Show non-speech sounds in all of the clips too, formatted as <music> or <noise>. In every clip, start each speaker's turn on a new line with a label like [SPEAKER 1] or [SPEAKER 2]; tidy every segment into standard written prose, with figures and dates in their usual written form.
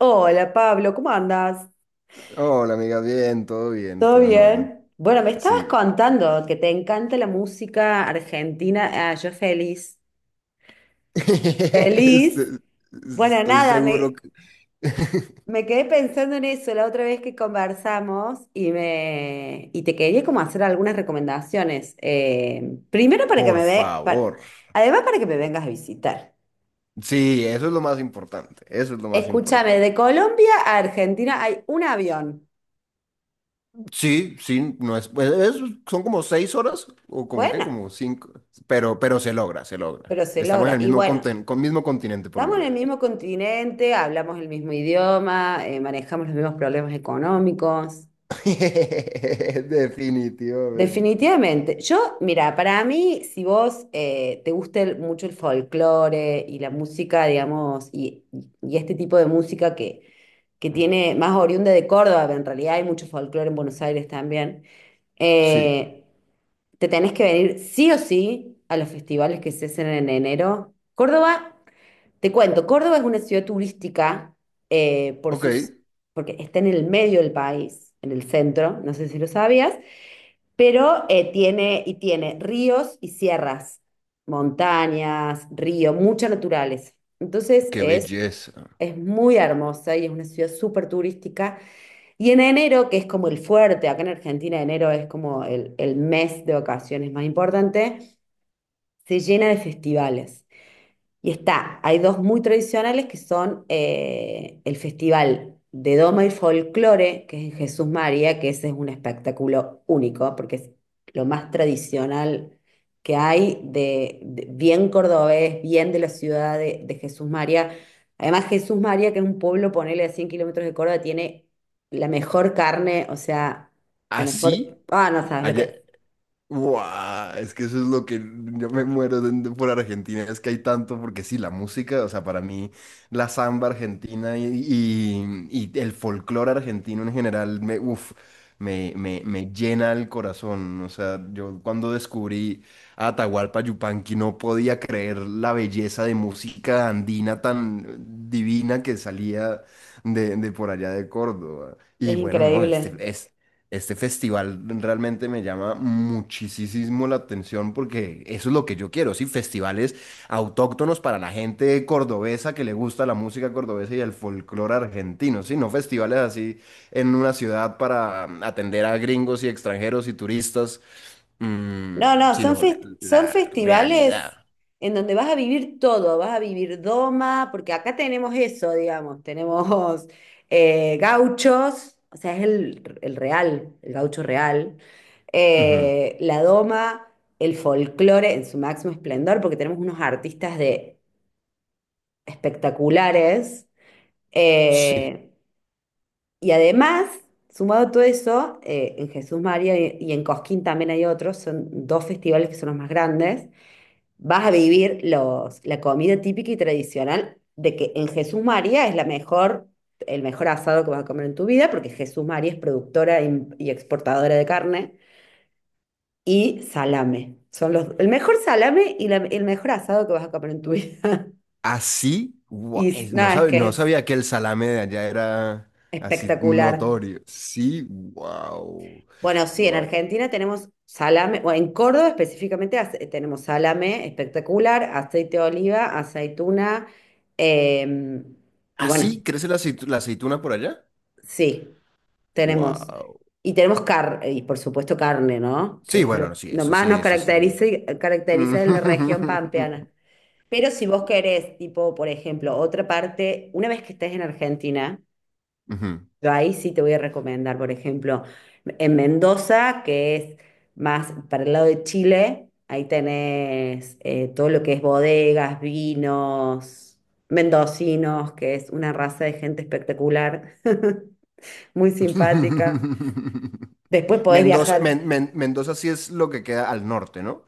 [SPEAKER 1] Hola Pablo, ¿cómo andas?
[SPEAKER 2] Hola, amiga, bien,
[SPEAKER 1] ¿Todo
[SPEAKER 2] todo en orden.
[SPEAKER 1] bien? Bueno, me estabas
[SPEAKER 2] Sí.
[SPEAKER 1] contando que te encanta la música argentina. Ah, yo feliz.
[SPEAKER 2] <laughs>
[SPEAKER 1] ¿Feliz?
[SPEAKER 2] Este-
[SPEAKER 1] Bueno,
[SPEAKER 2] Estoy
[SPEAKER 1] nada,
[SPEAKER 2] seguro que... <laughs>
[SPEAKER 1] me quedé pensando en eso la otra vez que conversamos y y te quería como hacer algunas recomendaciones. Primero para que
[SPEAKER 2] Por
[SPEAKER 1] me
[SPEAKER 2] favor.
[SPEAKER 1] además para que me vengas a visitar.
[SPEAKER 2] Sí, eso es lo más importante. Eso es lo más
[SPEAKER 1] Escúchame,
[SPEAKER 2] importante.
[SPEAKER 1] de Colombia a Argentina hay un avión.
[SPEAKER 2] Sí, sí, no es, pues, es- son como seis horas o como qué,
[SPEAKER 1] Bueno,
[SPEAKER 2] como cinco, pero se logra, se logra.
[SPEAKER 1] pero se
[SPEAKER 2] Estamos en
[SPEAKER 1] logra.
[SPEAKER 2] el
[SPEAKER 1] Y
[SPEAKER 2] mismo
[SPEAKER 1] bueno.
[SPEAKER 2] con mismo continente por lo
[SPEAKER 1] Estamos en el
[SPEAKER 2] menos.
[SPEAKER 1] mismo continente, hablamos el mismo idioma, manejamos los mismos problemas económicos.
[SPEAKER 2] <laughs> Definitivamente.
[SPEAKER 1] Definitivamente. Yo, mira, para mí, si vos te gusta mucho el folclore y la música, digamos, y este tipo de que tiene más oriunda de Córdoba, pero en realidad hay mucho folclore en Buenos Aires también,
[SPEAKER 2] Sí.
[SPEAKER 1] eh, te tenés que venir sí o sí a los festivales que se hacen en enero. Córdoba. Te cuento, Córdoba es una ciudad turística eh, por
[SPEAKER 2] Ok,
[SPEAKER 1] sus, porque está en el medio del país, en el centro, no sé si lo sabías, pero tiene ríos y sierras, montañas, río, mucha naturaleza. Entonces
[SPEAKER 2] qué
[SPEAKER 1] es,
[SPEAKER 2] belleza.
[SPEAKER 1] es muy hermosa y es una ciudad súper turística. Y en enero, que es como el fuerte, acá en Argentina enero es como el mes de vacaciones más importante, se llena de festivales. Y está, hay dos muy tradicionales que son el Festival de Doma y Folclore, que es en Jesús María, que ese es un espectáculo único, porque es lo más tradicional que hay, bien cordobés, bien de la ciudad de Jesús María. Además, Jesús María, que es un pueblo, ponele a 100 kilómetros de Córdoba, tiene la mejor carne, o sea, la mejor...
[SPEAKER 2] Así,
[SPEAKER 1] Ah, no sabes lo que
[SPEAKER 2] allá.
[SPEAKER 1] es.
[SPEAKER 2] Guau, es que eso es lo que yo me muero por Argentina, es que hay tanto, porque sí, la música, o sea, para mí la samba argentina y el folclore argentino en general, me, uf, me llena el corazón, o sea, yo cuando descubrí a Atahualpa Yupanqui no podía creer la belleza de música andina tan divina que salía de por allá de Córdoba. Y
[SPEAKER 1] Es
[SPEAKER 2] bueno, no, este,
[SPEAKER 1] increíble.
[SPEAKER 2] es este festival realmente me llama muchísimo la atención porque eso es lo que yo quiero, sí, festivales autóctonos para la gente cordobesa que le gusta la música cordobesa y el folclore argentino, sí, no festivales así en una ciudad para atender a gringos y extranjeros y turistas,
[SPEAKER 1] No, no,
[SPEAKER 2] sino
[SPEAKER 1] son
[SPEAKER 2] la realidad.
[SPEAKER 1] festivales en donde vas a vivir todo, vas a vivir doma, porque acá tenemos eso, digamos, tenemos gauchos, o sea, es el real, el gaucho real,
[SPEAKER 2] Ujú,
[SPEAKER 1] la doma, el folclore en su máximo esplendor, porque tenemos unos artistas de espectaculares,
[SPEAKER 2] sí.
[SPEAKER 1] eh, y además, sumado a todo eso, en Jesús María y en Cosquín también hay otros, son dos festivales que son los más grandes, vas a vivir la comida típica y tradicional de que en Jesús María es la mejor, el mejor asado que vas a comer en tu vida, porque Jesús María es productora y exportadora de carne, y salame. Son el mejor salame y el mejor asado que vas a comer en tu vida. <laughs>
[SPEAKER 2] Así,
[SPEAKER 1] Y
[SPEAKER 2] guau,
[SPEAKER 1] s- nada, Es que
[SPEAKER 2] no
[SPEAKER 1] es
[SPEAKER 2] sabía que el salame de allá era así
[SPEAKER 1] espectacular.
[SPEAKER 2] notorio. Sí, wow,
[SPEAKER 1] Bueno, sí, en
[SPEAKER 2] wow.
[SPEAKER 1] Argentina tenemos salame, o en Córdoba específicamente tenemos salame espectacular, aceite de oliva, aceituna, em, y bueno.
[SPEAKER 2] ¿Así crece la aceituna por allá?
[SPEAKER 1] Sí, tenemos.
[SPEAKER 2] Wow.
[SPEAKER 1] Y tenemos carne, y por supuesto carne, ¿no?
[SPEAKER 2] Sí,
[SPEAKER 1] Que es
[SPEAKER 2] bueno, no, sí,
[SPEAKER 1] lo
[SPEAKER 2] eso
[SPEAKER 1] más
[SPEAKER 2] sí,
[SPEAKER 1] nos
[SPEAKER 2] eso sí.
[SPEAKER 1] caracteriza, caracteriza en la región
[SPEAKER 2] <laughs>
[SPEAKER 1] pampeana. Pero si vos querés, tipo, por ejemplo, otra parte, una vez que estés en Argentina,
[SPEAKER 2] Ujú.
[SPEAKER 1] yo ahí sí te voy a recomendar, por ejemplo, en Mendoza, que es más para el lado de Chile, ahí tenés todo lo que es bodegas, vinos, mendocinos, que es una raza de gente espectacular, <laughs> muy simpática.
[SPEAKER 2] <laughs>
[SPEAKER 1] Después podés
[SPEAKER 2] Mendoza,
[SPEAKER 1] viajar.
[SPEAKER 2] Mendoza sí es lo que queda al norte, ¿no?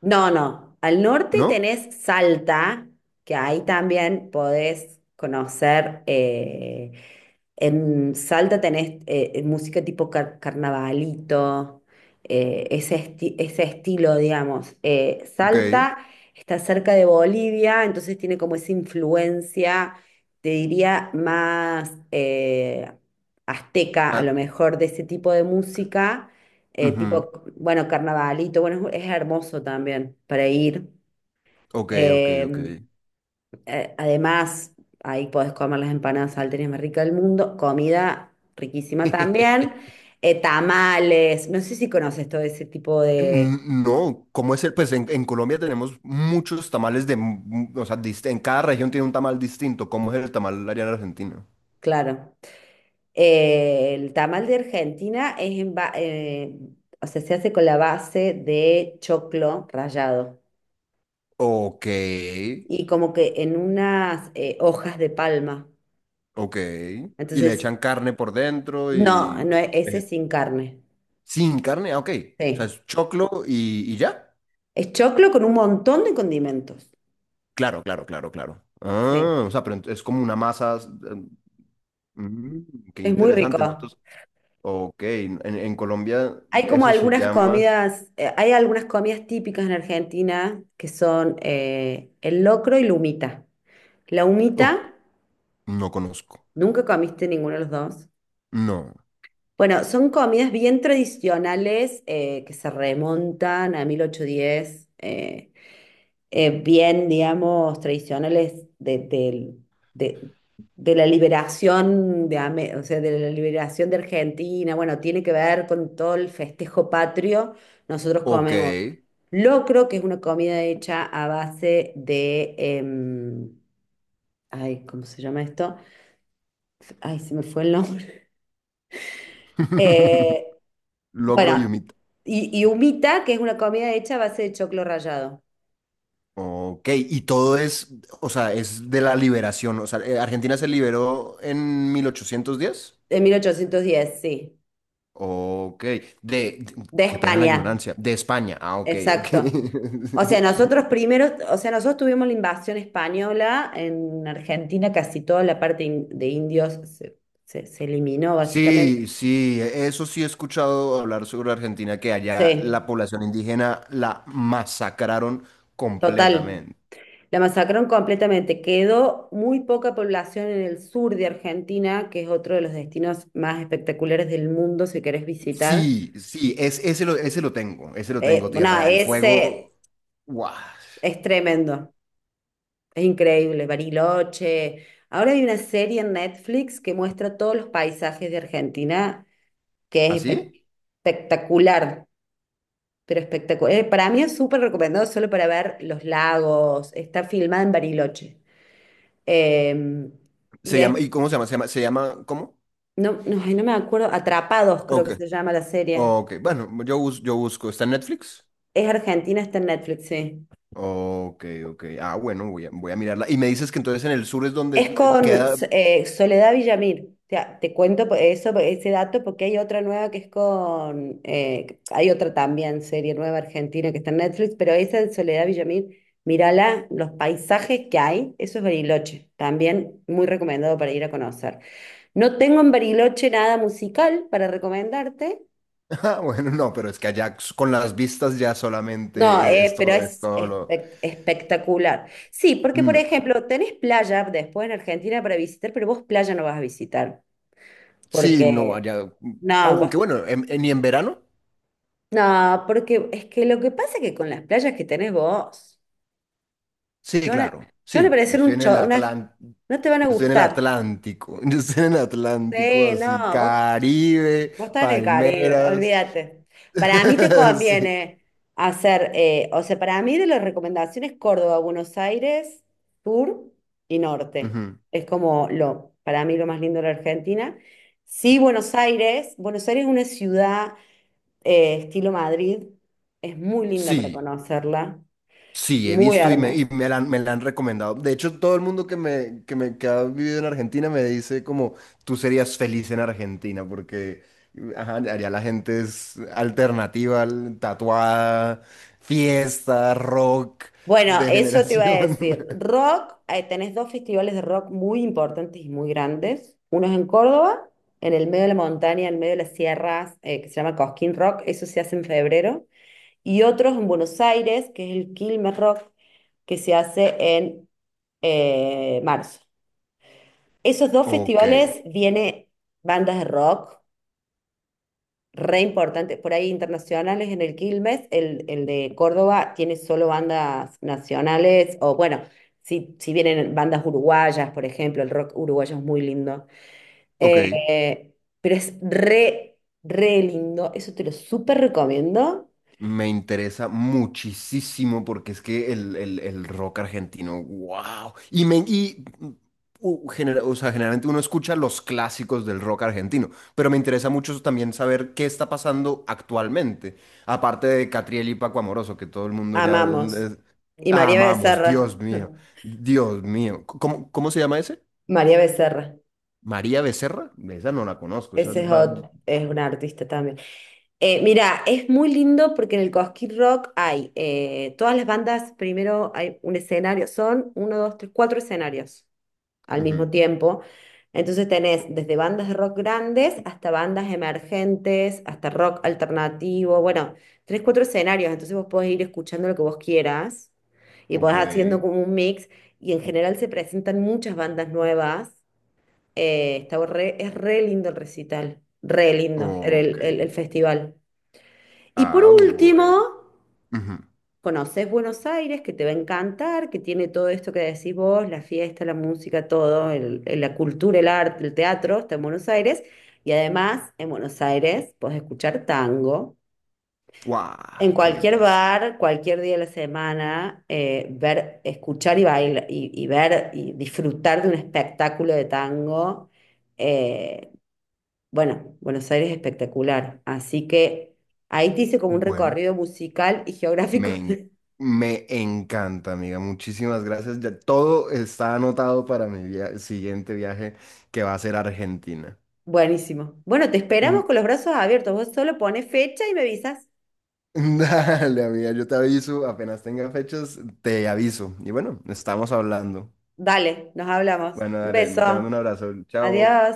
[SPEAKER 1] No, no. Al norte
[SPEAKER 2] ¿No?
[SPEAKER 1] tenés Salta, que ahí también podés conocer. En Salta tenés música tipo carnavalito, ese estilo, digamos.
[SPEAKER 2] Ok.
[SPEAKER 1] Salta está cerca de Bolivia, entonces tiene como esa influencia, te diría, más azteca, a
[SPEAKER 2] Ah,
[SPEAKER 1] lo mejor, de ese tipo de música eh,
[SPEAKER 2] ujú.
[SPEAKER 1] tipo, bueno, carnavalito, bueno, es hermoso también para ir.
[SPEAKER 2] Ok, ok, ok.
[SPEAKER 1] Eh, Además, ahí podés comer las empanadas salteñas más ricas del mundo, comida riquísima también,
[SPEAKER 2] <laughs>
[SPEAKER 1] tamales, no sé si conoces todo ese tipo de,
[SPEAKER 2] No, ¿cómo es el? Pues en Colombia tenemos muchos tamales de, en cada región tiene un tamal distinto. ¿Cómo es el tamal allá en Argentina?
[SPEAKER 1] claro. El tamal de Argentina es o sea, se hace con la base de choclo rallado
[SPEAKER 2] Ok,
[SPEAKER 1] y como que en unas hojas de palma.
[SPEAKER 2] ok. Y le
[SPEAKER 1] Entonces
[SPEAKER 2] echan carne por dentro
[SPEAKER 1] no,
[SPEAKER 2] y...
[SPEAKER 1] no, ese es
[SPEAKER 2] veget-
[SPEAKER 1] sin carne.
[SPEAKER 2] Sin carne, ah, ok. O sea,
[SPEAKER 1] Sí.
[SPEAKER 2] es choclo y ya.
[SPEAKER 1] Es choclo con un montón de condimentos.
[SPEAKER 2] Claro, claro, claro, claro.
[SPEAKER 1] Sí.
[SPEAKER 2] Ah, o sea, pero es como una masa... qué
[SPEAKER 1] Es muy
[SPEAKER 2] interesante.
[SPEAKER 1] rico.
[SPEAKER 2] Nosotros... Ok, en Colombia
[SPEAKER 1] Hay como
[SPEAKER 2] eso se
[SPEAKER 1] algunas
[SPEAKER 2] llama...
[SPEAKER 1] comidas, hay algunas comidas típicas en Argentina que son el locro y la humita. La
[SPEAKER 2] Oh,
[SPEAKER 1] humita,
[SPEAKER 2] no conozco.
[SPEAKER 1] nunca comiste ninguno de los dos.
[SPEAKER 2] No.
[SPEAKER 1] Bueno, son comidas bien tradicionales que se remontan a 1810. Bien, digamos, tradicionales de- de la liberación de, o sea, de la liberación de Argentina. Bueno, tiene que ver con todo el festejo patrio. Nosotros
[SPEAKER 2] Ok.
[SPEAKER 1] comemos locro, que es una comida hecha a base de, ay, ¿cómo se llama esto? Ay, se me fue el nombre. <laughs> Eh,
[SPEAKER 2] <laughs> Logro y
[SPEAKER 1] bueno,
[SPEAKER 2] humita.
[SPEAKER 1] y humita, que es una comida hecha a base de choclo rallado,
[SPEAKER 2] Ok, y todo es, o sea, es de la liberación. O sea, Argentina se liberó en 1810.
[SPEAKER 1] de 1810, sí,
[SPEAKER 2] Ok,
[SPEAKER 1] de
[SPEAKER 2] qué pena la
[SPEAKER 1] España.
[SPEAKER 2] ignorancia, de España. Ah, ok, ok.
[SPEAKER 1] Exacto. O sea,
[SPEAKER 2] <laughs>
[SPEAKER 1] nosotros primero, o sea, nosotros tuvimos la invasión española en Argentina, casi toda la parte de indios se eliminó básicamente.
[SPEAKER 2] Sí, sí, eso sí he escuchado hablar sobre Argentina, que allá
[SPEAKER 1] Sí,
[SPEAKER 2] la población indígena la masacraron
[SPEAKER 1] total.
[SPEAKER 2] completamente.
[SPEAKER 1] La masacraron completamente. Quedó muy poca población en el sur de Argentina, que es otro de los destinos más espectaculares del mundo si querés visitar.
[SPEAKER 2] Sí, sí, es, ese lo tengo,
[SPEAKER 1] No,
[SPEAKER 2] Tierra del
[SPEAKER 1] ese
[SPEAKER 2] Fuego. Guau.
[SPEAKER 1] es tremendo, es increíble, Bariloche. Ahora hay una serie en Netflix que muestra todos los paisajes de Argentina que es
[SPEAKER 2] ¿Así?
[SPEAKER 1] espectacular, pero espectacular. Para mí es súper recomendado solo para ver los lagos. Está filmada en Bariloche. Eh, y
[SPEAKER 2] Se
[SPEAKER 1] de-
[SPEAKER 2] llama, ¿y cómo se llama? Se llama, se llama, ¿cómo?
[SPEAKER 1] no, no, ay, no me acuerdo, Atrapados creo
[SPEAKER 2] Ok,
[SPEAKER 1] que se llama la serie.
[SPEAKER 2] ok, bueno, yo, yo busco, ¿está en Netflix?
[SPEAKER 1] Es argentina, está en Netflix, sí.
[SPEAKER 2] Ok, ok, ah, bueno, voy a mirarla. Y me dices que entonces en el sur es donde
[SPEAKER 1] Es con
[SPEAKER 2] queda,
[SPEAKER 1] Soledad Villamil. Te cuento eso, ese dato porque hay otra nueva que es con, hay otra también, serie nueva argentina que está en Netflix, pero esa de Soledad Villamil, mírala, los paisajes que hay, eso es Bariloche, también muy recomendado para ir a conocer. No tengo en Bariloche nada musical para recomendarte,
[SPEAKER 2] <laughs> ah, bueno, no, pero es que allá con las vistas ya solamente
[SPEAKER 1] no, pero
[SPEAKER 2] es
[SPEAKER 1] es
[SPEAKER 2] todo lo...
[SPEAKER 1] espectacular. Sí, porque por
[SPEAKER 2] No.
[SPEAKER 1] ejemplo, tenés playa después en Argentina para visitar, pero vos playa no vas a visitar.
[SPEAKER 2] Sí, no,
[SPEAKER 1] Porque,
[SPEAKER 2] allá,
[SPEAKER 1] no,
[SPEAKER 2] aunque bueno, ni en verano,
[SPEAKER 1] no, porque es que lo que pasa es que con las playas que tenés vos,
[SPEAKER 2] sí, claro,
[SPEAKER 1] te van a
[SPEAKER 2] sí, yo
[SPEAKER 1] parecer
[SPEAKER 2] estoy en Yo
[SPEAKER 1] no te van a
[SPEAKER 2] estoy en el
[SPEAKER 1] gustar.
[SPEAKER 2] Atlántico, <laughs> yo estoy en el Atlántico,
[SPEAKER 1] Sí,
[SPEAKER 2] así,
[SPEAKER 1] no,
[SPEAKER 2] Caribe,
[SPEAKER 1] vos estás en el Caribe,
[SPEAKER 2] palmeras.
[SPEAKER 1] olvídate. Para mí te
[SPEAKER 2] <laughs> Sí.
[SPEAKER 1] conviene hacer, o sea, para mí de las recomendaciones Córdoba, Buenos Aires, sur y norte.
[SPEAKER 2] Ujú.
[SPEAKER 1] Es como lo, para mí lo más lindo de la Argentina. Sí, Buenos Aires es una ciudad estilo Madrid. Es muy linda para
[SPEAKER 2] Sí,
[SPEAKER 1] conocerla,
[SPEAKER 2] sí, he
[SPEAKER 1] muy
[SPEAKER 2] visto
[SPEAKER 1] hermosa.
[SPEAKER 2] han me la han recomendado. De hecho, todo el mundo que me que ha vivido en Argentina me dice como tú serías feliz en Argentina porque ajá, allá la gente es alternativa, tatuada, fiesta, rock,
[SPEAKER 1] Bueno, eso te iba a
[SPEAKER 2] degeneración.
[SPEAKER 1] decir.
[SPEAKER 2] <laughs>
[SPEAKER 1] Rock, tenés dos festivales de rock muy importantes y muy grandes. Uno es en Córdoba, en el medio de la montaña, en medio de las sierras, que se llama Cosquín Rock, eso se hace en febrero. Y otro es en Buenos Aires, que es el Quilmes Rock, que se hace en marzo. Esos dos
[SPEAKER 2] Ok,
[SPEAKER 1] festivales viene bandas de rock re importante, por ahí internacionales en el Quilmes, el de Córdoba tiene solo bandas nacionales, o bueno, si vienen bandas uruguayas, por ejemplo, el rock uruguayo es muy lindo.
[SPEAKER 2] ok.
[SPEAKER 1] Eh, pero es re, re lindo, eso te lo súper recomiendo,
[SPEAKER 2] Me interesa muchísimo porque es que el rock argentino, wow. Y, me, y mm, genera- o sea, generalmente uno escucha los clásicos del rock argentino, pero me interesa mucho también saber qué está pasando actualmente, aparte de Catriel y Paco Amoroso, que todo el mundo ya
[SPEAKER 1] amamos. Y María
[SPEAKER 2] amamos,
[SPEAKER 1] Becerra.
[SPEAKER 2] Dios mío,
[SPEAKER 1] <laughs>
[SPEAKER 2] Dios mío. ¿Cómo, cómo se llama ese?
[SPEAKER 1] María Becerra,
[SPEAKER 2] María Becerra, esa no la conozco, esa es el
[SPEAKER 1] ese es,
[SPEAKER 2] bar...
[SPEAKER 1] es una artista también. Mira, es muy lindo porque en el Cosquín Rock hay todas las bandas, primero hay un escenario, son uno, dos, tres, cuatro escenarios al mismo
[SPEAKER 2] Ujú,
[SPEAKER 1] tiempo. Entonces tenés desde bandas de rock grandes hasta bandas emergentes, hasta rock alternativo, bueno, tres, cuatro escenarios, entonces vos podés ir escuchando lo que vos quieras y
[SPEAKER 2] ok,
[SPEAKER 1] podés haciendo como un mix y en general se presentan muchas bandas nuevas. Es re lindo el recital, re lindo
[SPEAKER 2] ok.
[SPEAKER 1] el festival. Y por
[SPEAKER 2] Ah,
[SPEAKER 1] último,
[SPEAKER 2] bueno. Ujú.
[SPEAKER 1] conoces Buenos Aires, que te va a encantar, que tiene todo esto que decís vos, la fiesta, la música, todo, la cultura, el arte, el teatro, está en Buenos Aires. Y además, en Buenos Aires podés escuchar tango
[SPEAKER 2] ¡Guau!
[SPEAKER 1] en
[SPEAKER 2] ¡Qué
[SPEAKER 1] cualquier
[SPEAKER 2] belleza!
[SPEAKER 1] bar, cualquier día de la semana, ver, escuchar y bailar, y ver y disfrutar de un espectáculo de tango. Eh, bueno, Buenos Aires es espectacular. Así que... Ahí te hice como un
[SPEAKER 2] Bueno,
[SPEAKER 1] recorrido musical y geográfico.
[SPEAKER 2] Me, en-
[SPEAKER 1] <laughs>
[SPEAKER 2] me encanta, amiga. Muchísimas gracias. Ya todo está anotado para siguiente viaje que va a ser a Argentina.
[SPEAKER 1] Buenísimo. Bueno, te esperamos
[SPEAKER 2] Mm,
[SPEAKER 1] con los brazos abiertos. Vos solo pones fecha y me avisas.
[SPEAKER 2] <laughs> dale, amiga, yo te aviso. Apenas tenga fechas, te aviso. Y bueno, estamos hablando.
[SPEAKER 1] Dale, nos hablamos.
[SPEAKER 2] Bueno,
[SPEAKER 1] Un
[SPEAKER 2] dale, te mando un
[SPEAKER 1] beso.
[SPEAKER 2] abrazo. Chao.
[SPEAKER 1] Adiós.